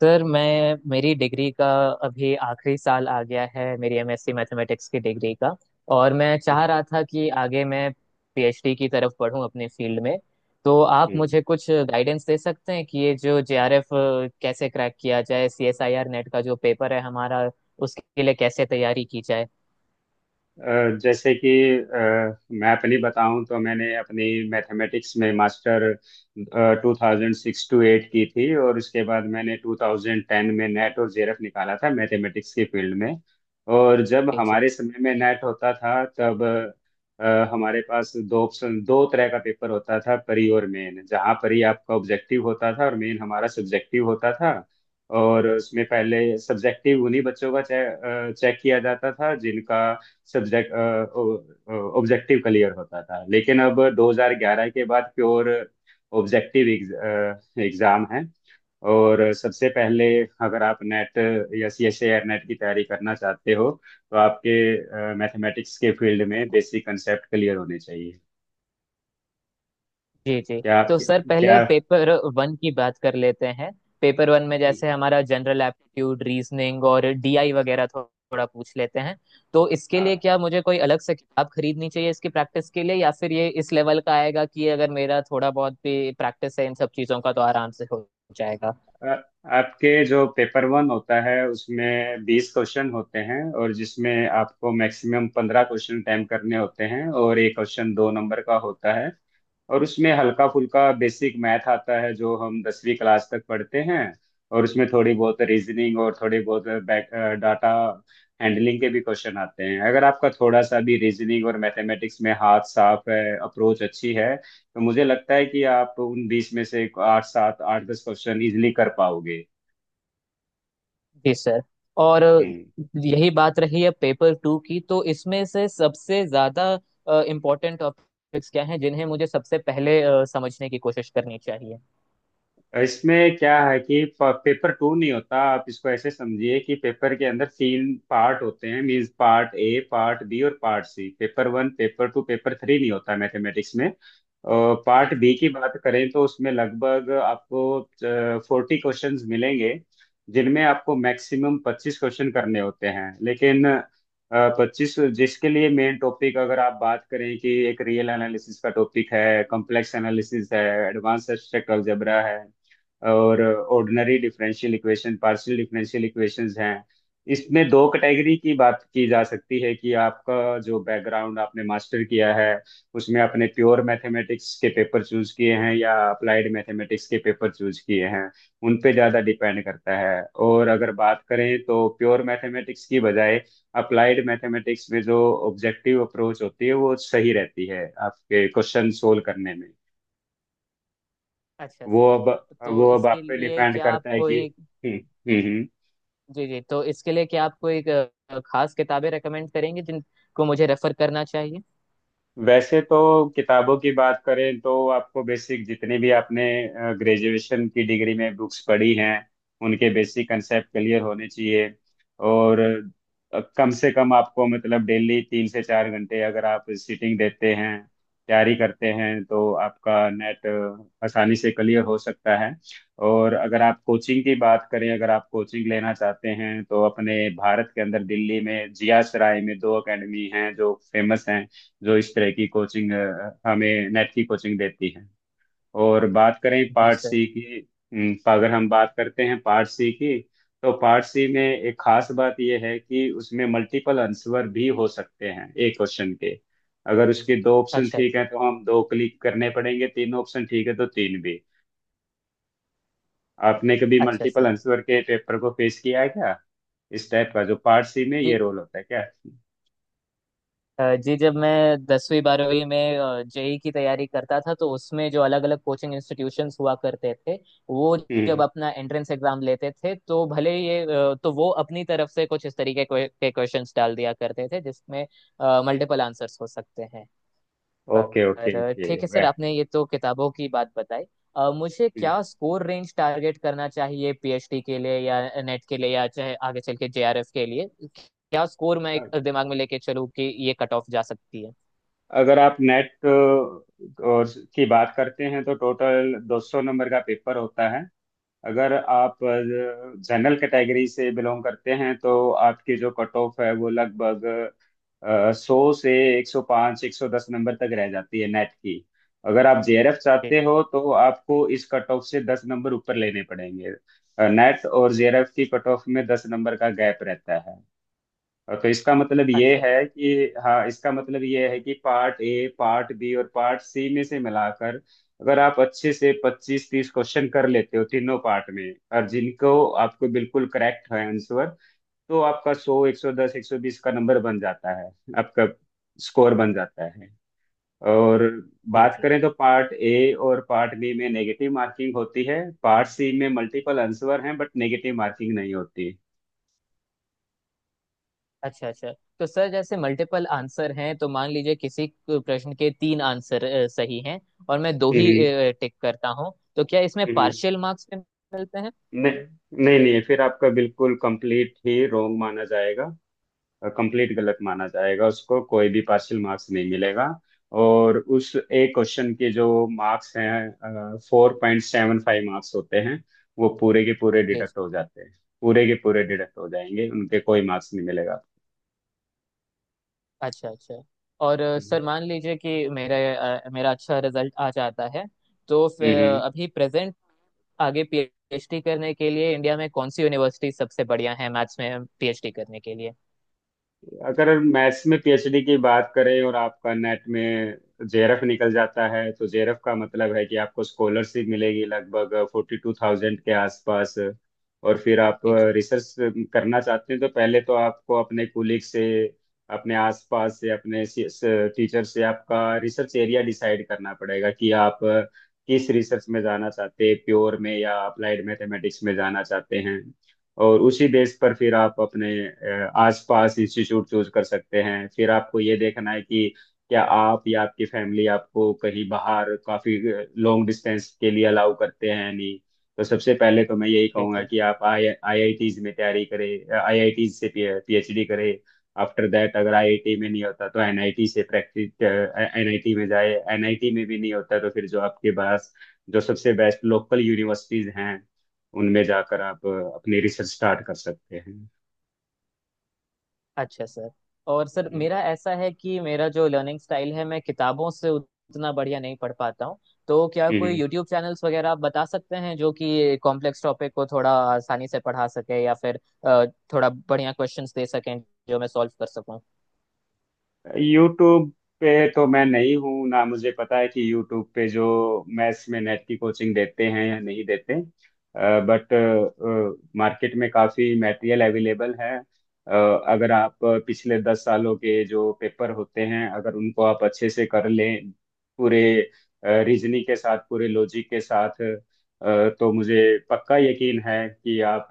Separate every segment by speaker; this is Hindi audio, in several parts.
Speaker 1: सर मैं मेरी डिग्री का अभी आखिरी साल आ गया है। मेरी एमएससी मैथमेटिक्स की डिग्री का, और मैं चाह
Speaker 2: ओके।
Speaker 1: रहा था कि आगे मैं पीएचडी की तरफ पढूं अपने फील्ड में। तो आप मुझे कुछ गाइडेंस दे सकते हैं कि ये जो जेआरएफ कैसे क्रैक किया जाए, सीएसआईआर नेट का जो पेपर है हमारा, उसके लिए कैसे तैयारी की जाए।
Speaker 2: जैसे कि मैं अपनी बताऊं तो मैंने अपनी मैथमेटिक्स में मास्टर 2006 टू 2008 की थी, और उसके बाद मैंने 2010 में नेट और जेरफ निकाला था मैथमेटिक्स के फील्ड में। और जब
Speaker 1: जी जी,
Speaker 2: हमारे समय में नेट होता था तब अ, हमारे पास दो ऑप्शन, दो तरह का पेपर होता था, परी और मेन, जहाँ परी आपका ऑब्जेक्टिव होता था और मेन हमारा सब्जेक्टिव होता था। और उसमें पहले सब्जेक्टिव उन्हीं बच्चों का चेक किया जाता था जिनका सब्जेक्ट ऑब्जेक्टिव क्लियर होता था, लेकिन अब 2011 के बाद प्योर ऑब्जेक्टिव एग्जाम है। और सबसे पहले, अगर आप नेट या C S A R NET की तैयारी करना चाहते हो, तो आपके मैथमेटिक्स के फील्ड में बेसिक कंसेप्ट क्लियर होने चाहिए।
Speaker 1: जी जी।
Speaker 2: क्या
Speaker 1: तो
Speaker 2: आपके?
Speaker 1: सर पहले
Speaker 2: क्या?
Speaker 1: पेपर 1 की बात कर लेते हैं। पेपर 1 में जैसे हमारा जनरल एप्टीट्यूड, रीजनिंग और डीआई वगैरह थोड़ा पूछ लेते हैं। तो इसके लिए
Speaker 2: हाँ।
Speaker 1: क्या मुझे कोई अलग से किताब खरीदनी चाहिए इसकी प्रैक्टिस के लिए, या फिर ये इस लेवल का आएगा कि अगर मेरा थोड़ा बहुत भी प्रैक्टिस है इन सब चीज़ों का तो आराम से हो जाएगा।
Speaker 2: अ, आपके जो पेपर वन होता है उसमें 20 क्वेश्चन होते हैं, और जिसमें आपको मैक्सिमम 15 क्वेश्चन अटेम्प्ट करने होते हैं, और एक क्वेश्चन 2 नंबर का होता है। और उसमें हल्का फुल्का बेसिक मैथ आता है जो हम 10वीं क्लास तक पढ़ते हैं। और उसमें थोड़ी बहुत रीजनिंग और थोड़ी बहुत बैक डाटा हैंडलिंग के भी क्वेश्चन आते हैं। अगर आपका थोड़ा सा भी रीजनिंग और मैथमेटिक्स में हाथ साफ है, अप्रोच अच्छी है, तो मुझे लगता है कि आप उन 20 में से 8, 7, 8, 10 क्वेश्चन इजिली कर पाओगे।
Speaker 1: जी सर। और
Speaker 2: हम्म।
Speaker 1: यही बात रही है पेपर 2 की, तो इसमें से सबसे ज़्यादा इम्पोर्टेंट टॉपिक्स क्या हैं जिन्हें मुझे सबसे पहले समझने की कोशिश करनी चाहिए।
Speaker 2: इसमें क्या है कि पेपर टू नहीं होता। आप इसको ऐसे समझिए कि पेपर के अंदर 3 पार्ट होते हैं, means part A, part B और part C. Paper one, paper two, paper three नहीं होता मैथमेटिक्स में।
Speaker 1: जी
Speaker 2: पार्ट
Speaker 1: जी।
Speaker 2: बी की बात करें तो उसमें लगभग आपको 40 क्वेश्चंस मिलेंगे, जिनमें आपको मैक्सिमम 25 क्वेश्चन करने होते हैं, लेकिन पच्चीस जिसके लिए मेन टॉपिक। अगर आप बात करें, कि एक रियल एनालिसिस का टॉपिक है, कॉम्प्लेक्स एनालिसिस है, एडवांस एब्स्ट्रैक्ट अलजेब्रा है, और ordinary differential equation, partial differential equations हैं। इसमें दो कैटेगरी की बात की जा सकती है, कि आपका जो बैकग्राउंड आपने मास्टर किया है उसमें आपने प्योर मैथमेटिक्स के पेपर चूज किए हैं या अप्लाइड मैथमेटिक्स के पेपर चूज किए हैं, उन पे ज़्यादा डिपेंड करता है। और अगर बात करें तो प्योर मैथमेटिक्स की बजाय अप्लाइड मैथमेटिक्स में जो ऑब्जेक्टिव अप्रोच होती है वो सही रहती है आपके क्वेश्चन सोल्व करने में।
Speaker 1: अच्छा
Speaker 2: वो
Speaker 1: सर,
Speaker 2: अब
Speaker 1: तो
Speaker 2: वो अब
Speaker 1: इसके
Speaker 2: आप पे
Speaker 1: लिए
Speaker 2: डिपेंड
Speaker 1: क्या आप
Speaker 2: करता है कि।
Speaker 1: कोई,
Speaker 2: हम्म, हम्म,
Speaker 1: जी जी, तो इसके लिए क्या आप कोई खास किताबें रेकमेंड करेंगे जिनको मुझे रेफर करना चाहिए।
Speaker 2: वैसे तो किताबों की बात करें तो आपको बेसिक जितने भी आपने ग्रेजुएशन की डिग्री में बुक्स पढ़ी हैं उनके बेसिक कंसेप्ट क्लियर होने चाहिए। और कम से कम आपको, मतलब, डेली 3 से 4 घंटे अगर आप सिटिंग देते हैं, तैयारी करते हैं, तो आपका नेट आसानी से क्लियर हो सकता है। और अगर आप कोचिंग की बात करें, अगर आप कोचिंग लेना चाहते हैं, तो अपने भारत के अंदर दिल्ली में जिया सराय में 2 एकेडमी हैं जो फेमस हैं, जो इस तरह की कोचिंग, हमें नेट की कोचिंग देती है। और बात करें
Speaker 1: जी
Speaker 2: पार्ट
Speaker 1: सर।
Speaker 2: सी की। अगर हम बात करते हैं पार्ट सी की, तो पार्ट सी में एक खास बात यह है कि उसमें मल्टीपल आंसर भी हो सकते हैं एक क्वेश्चन के। अगर उसके 2 ऑप्शन
Speaker 1: अच्छा
Speaker 2: ठीक है तो
Speaker 1: अच्छा।
Speaker 2: हम दो क्लिक करने पड़ेंगे, 3 ऑप्शन ठीक है तो तीन भी। आपने कभी
Speaker 1: अच्छा
Speaker 2: मल्टीपल
Speaker 1: सर।
Speaker 2: आंसर के पेपर को फेस किया है क्या, इस टाइप का जो पार्ट सी में ये
Speaker 1: जी।
Speaker 2: रोल होता है क्या?
Speaker 1: जी, जब मैं दसवीं बारहवीं में जेई की तैयारी करता था, तो उसमें जो अलग अलग कोचिंग इंस्टीट्यूशंस हुआ करते थे वो जब
Speaker 2: हम्म।
Speaker 1: अपना एंट्रेंस एग्जाम लेते थे, तो तो वो अपनी तरफ से कुछ इस तरीके के क्वेश्चंस डाल दिया करते थे जिसमें मल्टीपल आंसर्स हो सकते हैं।
Speaker 2: ओके, ओके,
Speaker 1: पर
Speaker 2: ओके।
Speaker 1: ठीक है सर, आपने ये तो किताबों की बात बताई। मुझे क्या स्कोर रेंज टारगेट करना चाहिए पीएचडी के लिए, या नेट के लिए, या चाहे आगे चल के जेआरएफ के लिए। क्या स्कोर मैं एक
Speaker 2: वह,
Speaker 1: दिमाग में लेके चलूँ कि ये कट ऑफ जा सकती है।
Speaker 2: अगर आप नेट और की बात करते हैं तो टोटल 200 नंबर का पेपर होता है। अगर आप जनरल कैटेगरी से बिलोंग करते हैं तो आपकी जो कट ऑफ है वो लगभग 100 से 105, 110 नंबर तक रह जाती है नेट की। अगर आप JRF
Speaker 1: जी
Speaker 2: चाहते
Speaker 1: जी।
Speaker 2: हो तो आपको इस कट ऑफ से 10 नंबर ऊपर लेने पड़ेंगे। नेट और JRF की कट ऑफ में 10 नंबर का गैप रहता है। और तो इसका मतलब ये
Speaker 1: अच्छा।
Speaker 2: है कि, हाँ, इसका मतलब ये है कि पार्ट ए, पार्ट बी और पार्ट सी में से मिलाकर अगर आप अच्छे से 25, 30 क्वेश्चन कर लेते हो तीनों पार्ट में, और जिनको आपको बिल्कुल करेक्ट है आंसर, तो आपका 100, 110, 120 का नंबर बन जाता है, आपका स्कोर बन जाता है। और
Speaker 1: जी
Speaker 2: बात
Speaker 1: जी।
Speaker 2: करें तो पार्ट ए और पार्ट बी में नेगेटिव मार्किंग होती है, पार्ट सी में मल्टीपल आंसर हैं बट नेगेटिव मार्किंग नहीं होती।
Speaker 1: अच्छा अच्छा। तो सर जैसे मल्टीपल आंसर हैं, तो मान लीजिए किसी प्रश्न के तीन आंसर सही हैं, और मैं दो ही
Speaker 2: हम्म,
Speaker 1: टिक करता हूँ तो क्या इसमें
Speaker 2: हम्म।
Speaker 1: पार्शियल मार्क्स मिलते हैं।
Speaker 2: नहीं, नहीं, नहीं, फिर आपका बिल्कुल कंप्लीट ही रॉन्ग माना जाएगा, कंप्लीट गलत माना जाएगा, उसको कोई भी पार्शियल मार्क्स नहीं मिलेगा। और उस एक क्वेश्चन के जो मार्क्स हैं, 4.75 मार्क्स होते हैं, वो पूरे के पूरे
Speaker 1: जी।
Speaker 2: डिडक्ट हो जाते हैं। पूरे के पूरे डिडक्ट हो जाएंगे, उनके कोई मार्क्स नहीं मिलेगा।
Speaker 1: अच्छा अच्छा। और
Speaker 2: हम्म,
Speaker 1: सर मान लीजिए कि मेरा अच्छा रिजल्ट आ जाता है, तो फिर अ,
Speaker 2: हम्म।
Speaker 1: अभी प्रेजेंट आगे पीएचडी करने के लिए इंडिया में कौन सी यूनिवर्सिटी सबसे बढ़िया है मैथ्स में पीएचडी करने के लिए।
Speaker 2: अगर मैथ्स में PhD की बात करें और आपका नेट में JRF निकल जाता है, तो JRF का मतलब है कि आपको स्कॉलरशिप मिलेगी लगभग 42,000 के आसपास। और फिर आप
Speaker 1: जी
Speaker 2: रिसर्च करना चाहते हैं तो पहले तो आपको अपने कुलीग से, अपने आसपास से, अपने टीचर से आपका रिसर्च एरिया डिसाइड करना पड़ेगा कि आप किस रिसर्च में जाना चाहते हैं, प्योर में या अप्लाइड मैथमेटिक्स में जाना चाहते हैं। और उसी बेस पर फिर आप अपने आसपास इंस्टीट्यूट चूज कर सकते हैं। फिर आपको ये देखना है कि क्या आप या आपकी फैमिली आपको कहीं बाहर काफी लॉन्ग डिस्टेंस के लिए अलाउ करते हैं या नहीं। तो सबसे पहले तो मैं यही
Speaker 1: जी
Speaker 2: कहूंगा
Speaker 1: जी।
Speaker 2: कि आप आई आईआईटीज में तैयारी करें, IITs से PhD करें। आफ्टर दैट अगर IIT में नहीं होता तो NIT से प्रैक्टिस, NIT में जाए, NIT में भी नहीं होता तो फिर जो आपके पास जो सबसे बेस्ट लोकल यूनिवर्सिटीज हैं उनमें जाकर आप अपनी रिसर्च स्टार्ट कर सकते हैं।
Speaker 1: अच्छा सर, और सर
Speaker 2: हम्म,
Speaker 1: मेरा ऐसा है कि मेरा जो लर्निंग स्टाइल है, मैं किताबों से उतना बढ़िया नहीं पढ़ पाता हूँ। तो क्या कोई
Speaker 2: हम्म,
Speaker 1: यूट्यूब चैनल्स वगैरह आप बता सकते हैं जो कि कॉम्प्लेक्स टॉपिक को थोड़ा आसानी से पढ़ा सके, या फिर अ, थोड़ा बढ़िया क्वेश्चंस दे सकें जो मैं सॉल्व कर सकूं।
Speaker 2: यूट्यूब पे तो मैं नहीं हूँ ना। मुझे पता है कि यूट्यूब पे जो मैथ्स में नेट की कोचिंग देते हैं या नहीं देते, बट मार्केट में काफ़ी मटेरियल अवेलेबल है। अ, अगर आप पिछले 10 सालों के जो पेपर होते हैं, अगर उनको आप अच्छे से कर लें, पूरे रीजनिंग के साथ, पूरे लॉजिक के साथ, तो मुझे पक्का यकीन है कि आप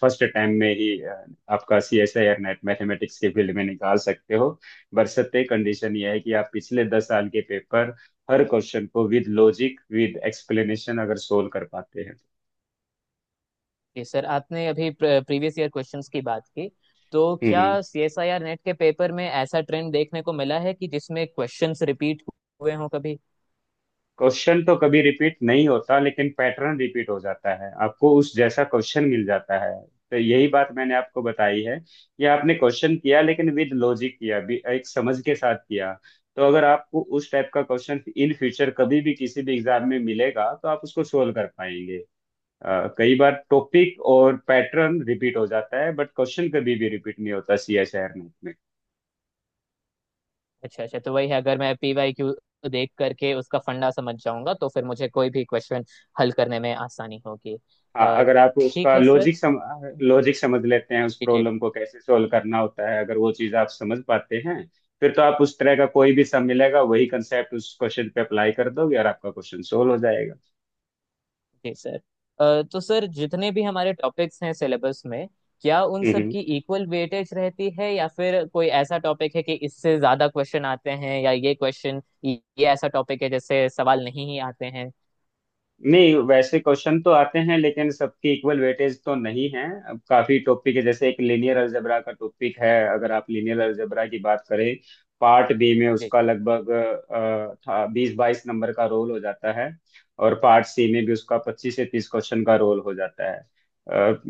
Speaker 2: फर्स्ट टाइम में ही, आपका C S I R NET mathematics के फील्ड में निकाल सकते हो। बशर्ते, कंडीशन यह है कि आप पिछले दस साल के पेपर, हर क्वेश्चन को विद लॉजिक, विद एक्सप्लेनेशन अगर सोल्व कर पाते हैं।
Speaker 1: जी सर, आपने अभी प्रीवियस ईयर क्वेश्चंस की बात की। तो क्या
Speaker 2: हम्म
Speaker 1: सीएसआईआर नेट के पेपर में ऐसा ट्रेंड देखने को मिला है कि जिसमें क्वेश्चंस रिपीट हुए हों कभी।
Speaker 2: क्वेश्चन तो कभी रिपीट नहीं होता, लेकिन पैटर्न रिपीट हो जाता है, आपको उस जैसा क्वेश्चन मिल जाता है। तो यही बात मैंने आपको बताई है कि आपने क्वेश्चन किया लेकिन विद लॉजिक किया, एक समझ के साथ किया। तो अगर आपको उस टाइप का क्वेश्चन इन फ्यूचर कभी भी किसी भी एग्जाम में मिलेगा तो आप उसको सोल्व कर पाएंगे। कई बार टॉपिक और पैटर्न रिपीट हो जाता है बट क्वेश्चन कभी भी रिपीट नहीं होता CSR नेट में।
Speaker 1: अच्छा अच्छा, तो वही है, अगर मैं पीवाईक्यू देख करके उसका फंडा समझ जाऊंगा तो फिर मुझे कोई भी क्वेश्चन हल करने में आसानी होगी।
Speaker 2: हाँ,
Speaker 1: अ,
Speaker 2: अगर आप
Speaker 1: ठीक
Speaker 2: उसका
Speaker 1: है सर।
Speaker 2: लॉजिक समझ लेते हैं, उस
Speaker 1: जी जी।
Speaker 2: प्रॉब्लम को कैसे सॉल्व करना होता है, अगर वो चीज़ आप समझ पाते हैं फिर तो आप उस तरह का कोई भी सम मिलेगा वही कंसेप्ट उस क्वेश्चन पे अप्लाई कर दोगे और आपका क्वेश्चन सोल्व हो जाएगा।
Speaker 1: जी सर, तो सर जितने भी हमारे टॉपिक्स हैं सिलेबस में, क्या उन सब की इक्वल वेटेज रहती है, या फिर कोई ऐसा टॉपिक है कि इससे ज्यादा क्वेश्चन आते हैं, या ये क्वेश्चन, ये ऐसा टॉपिक है जैसे सवाल नहीं ही आते हैं।
Speaker 2: नहीं, वैसे क्वेश्चन तो आते हैं लेकिन सबकी इक्वल वेटेज तो नहीं है। अब काफी टॉपिक है, जैसे एक लीनियर अलजेब्रा का टॉपिक है। अगर आप लीनियर अलजेब्रा की बात करें, पार्ट बी में उसका
Speaker 1: देखिए,
Speaker 2: लगभग 20, 22 नंबर का रोल हो जाता है, और पार्ट सी में भी उसका 25 से 30 क्वेश्चन का रोल हो जाता है।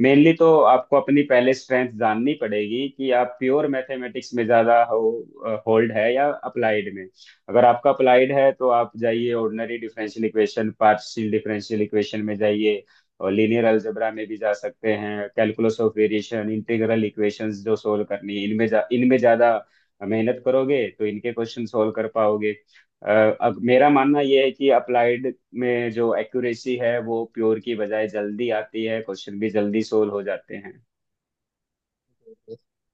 Speaker 2: मेनली तो आपको अपनी पहले स्ट्रेंथ जाननी पड़ेगी कि आप प्योर मैथमेटिक्स में ज्यादा हो होल्ड है या अप्लाइड में। अगर आपका अप्लाइड है तो आप जाइए, ordinary differential equation, partial differential equation में जाइए। और लीनियर अलजेब्रा में भी जा सकते हैं, calculus of variation, integral equations जो सोल्व करनी है, इनमें ज़्यादा मेहनत करोगे तो इनके क्वेश्चन सोल्व कर पाओगे। अ, अब मेरा मानना यह है कि अप्लाइड में जो एक्यूरेसी है वो प्योर की बजाय जल्दी आती है, क्वेश्चन भी जल्दी सोल्व हो जाते हैं।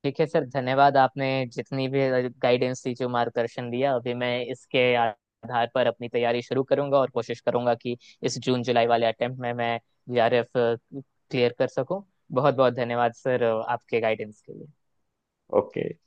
Speaker 1: ठीक है सर, धन्यवाद। आपने जितनी भी गाइडेंस दी, जो मार्गदर्शन दिया, अभी मैं इसके आधार पर अपनी तैयारी शुरू करूंगा, और कोशिश करूंगा कि इस जून जुलाई वाले अटेम्प्ट में मैं जीआरएफ क्लियर कर सकूं। बहुत बहुत धन्यवाद सर, आपके गाइडेंस के लिए।
Speaker 2: ओके।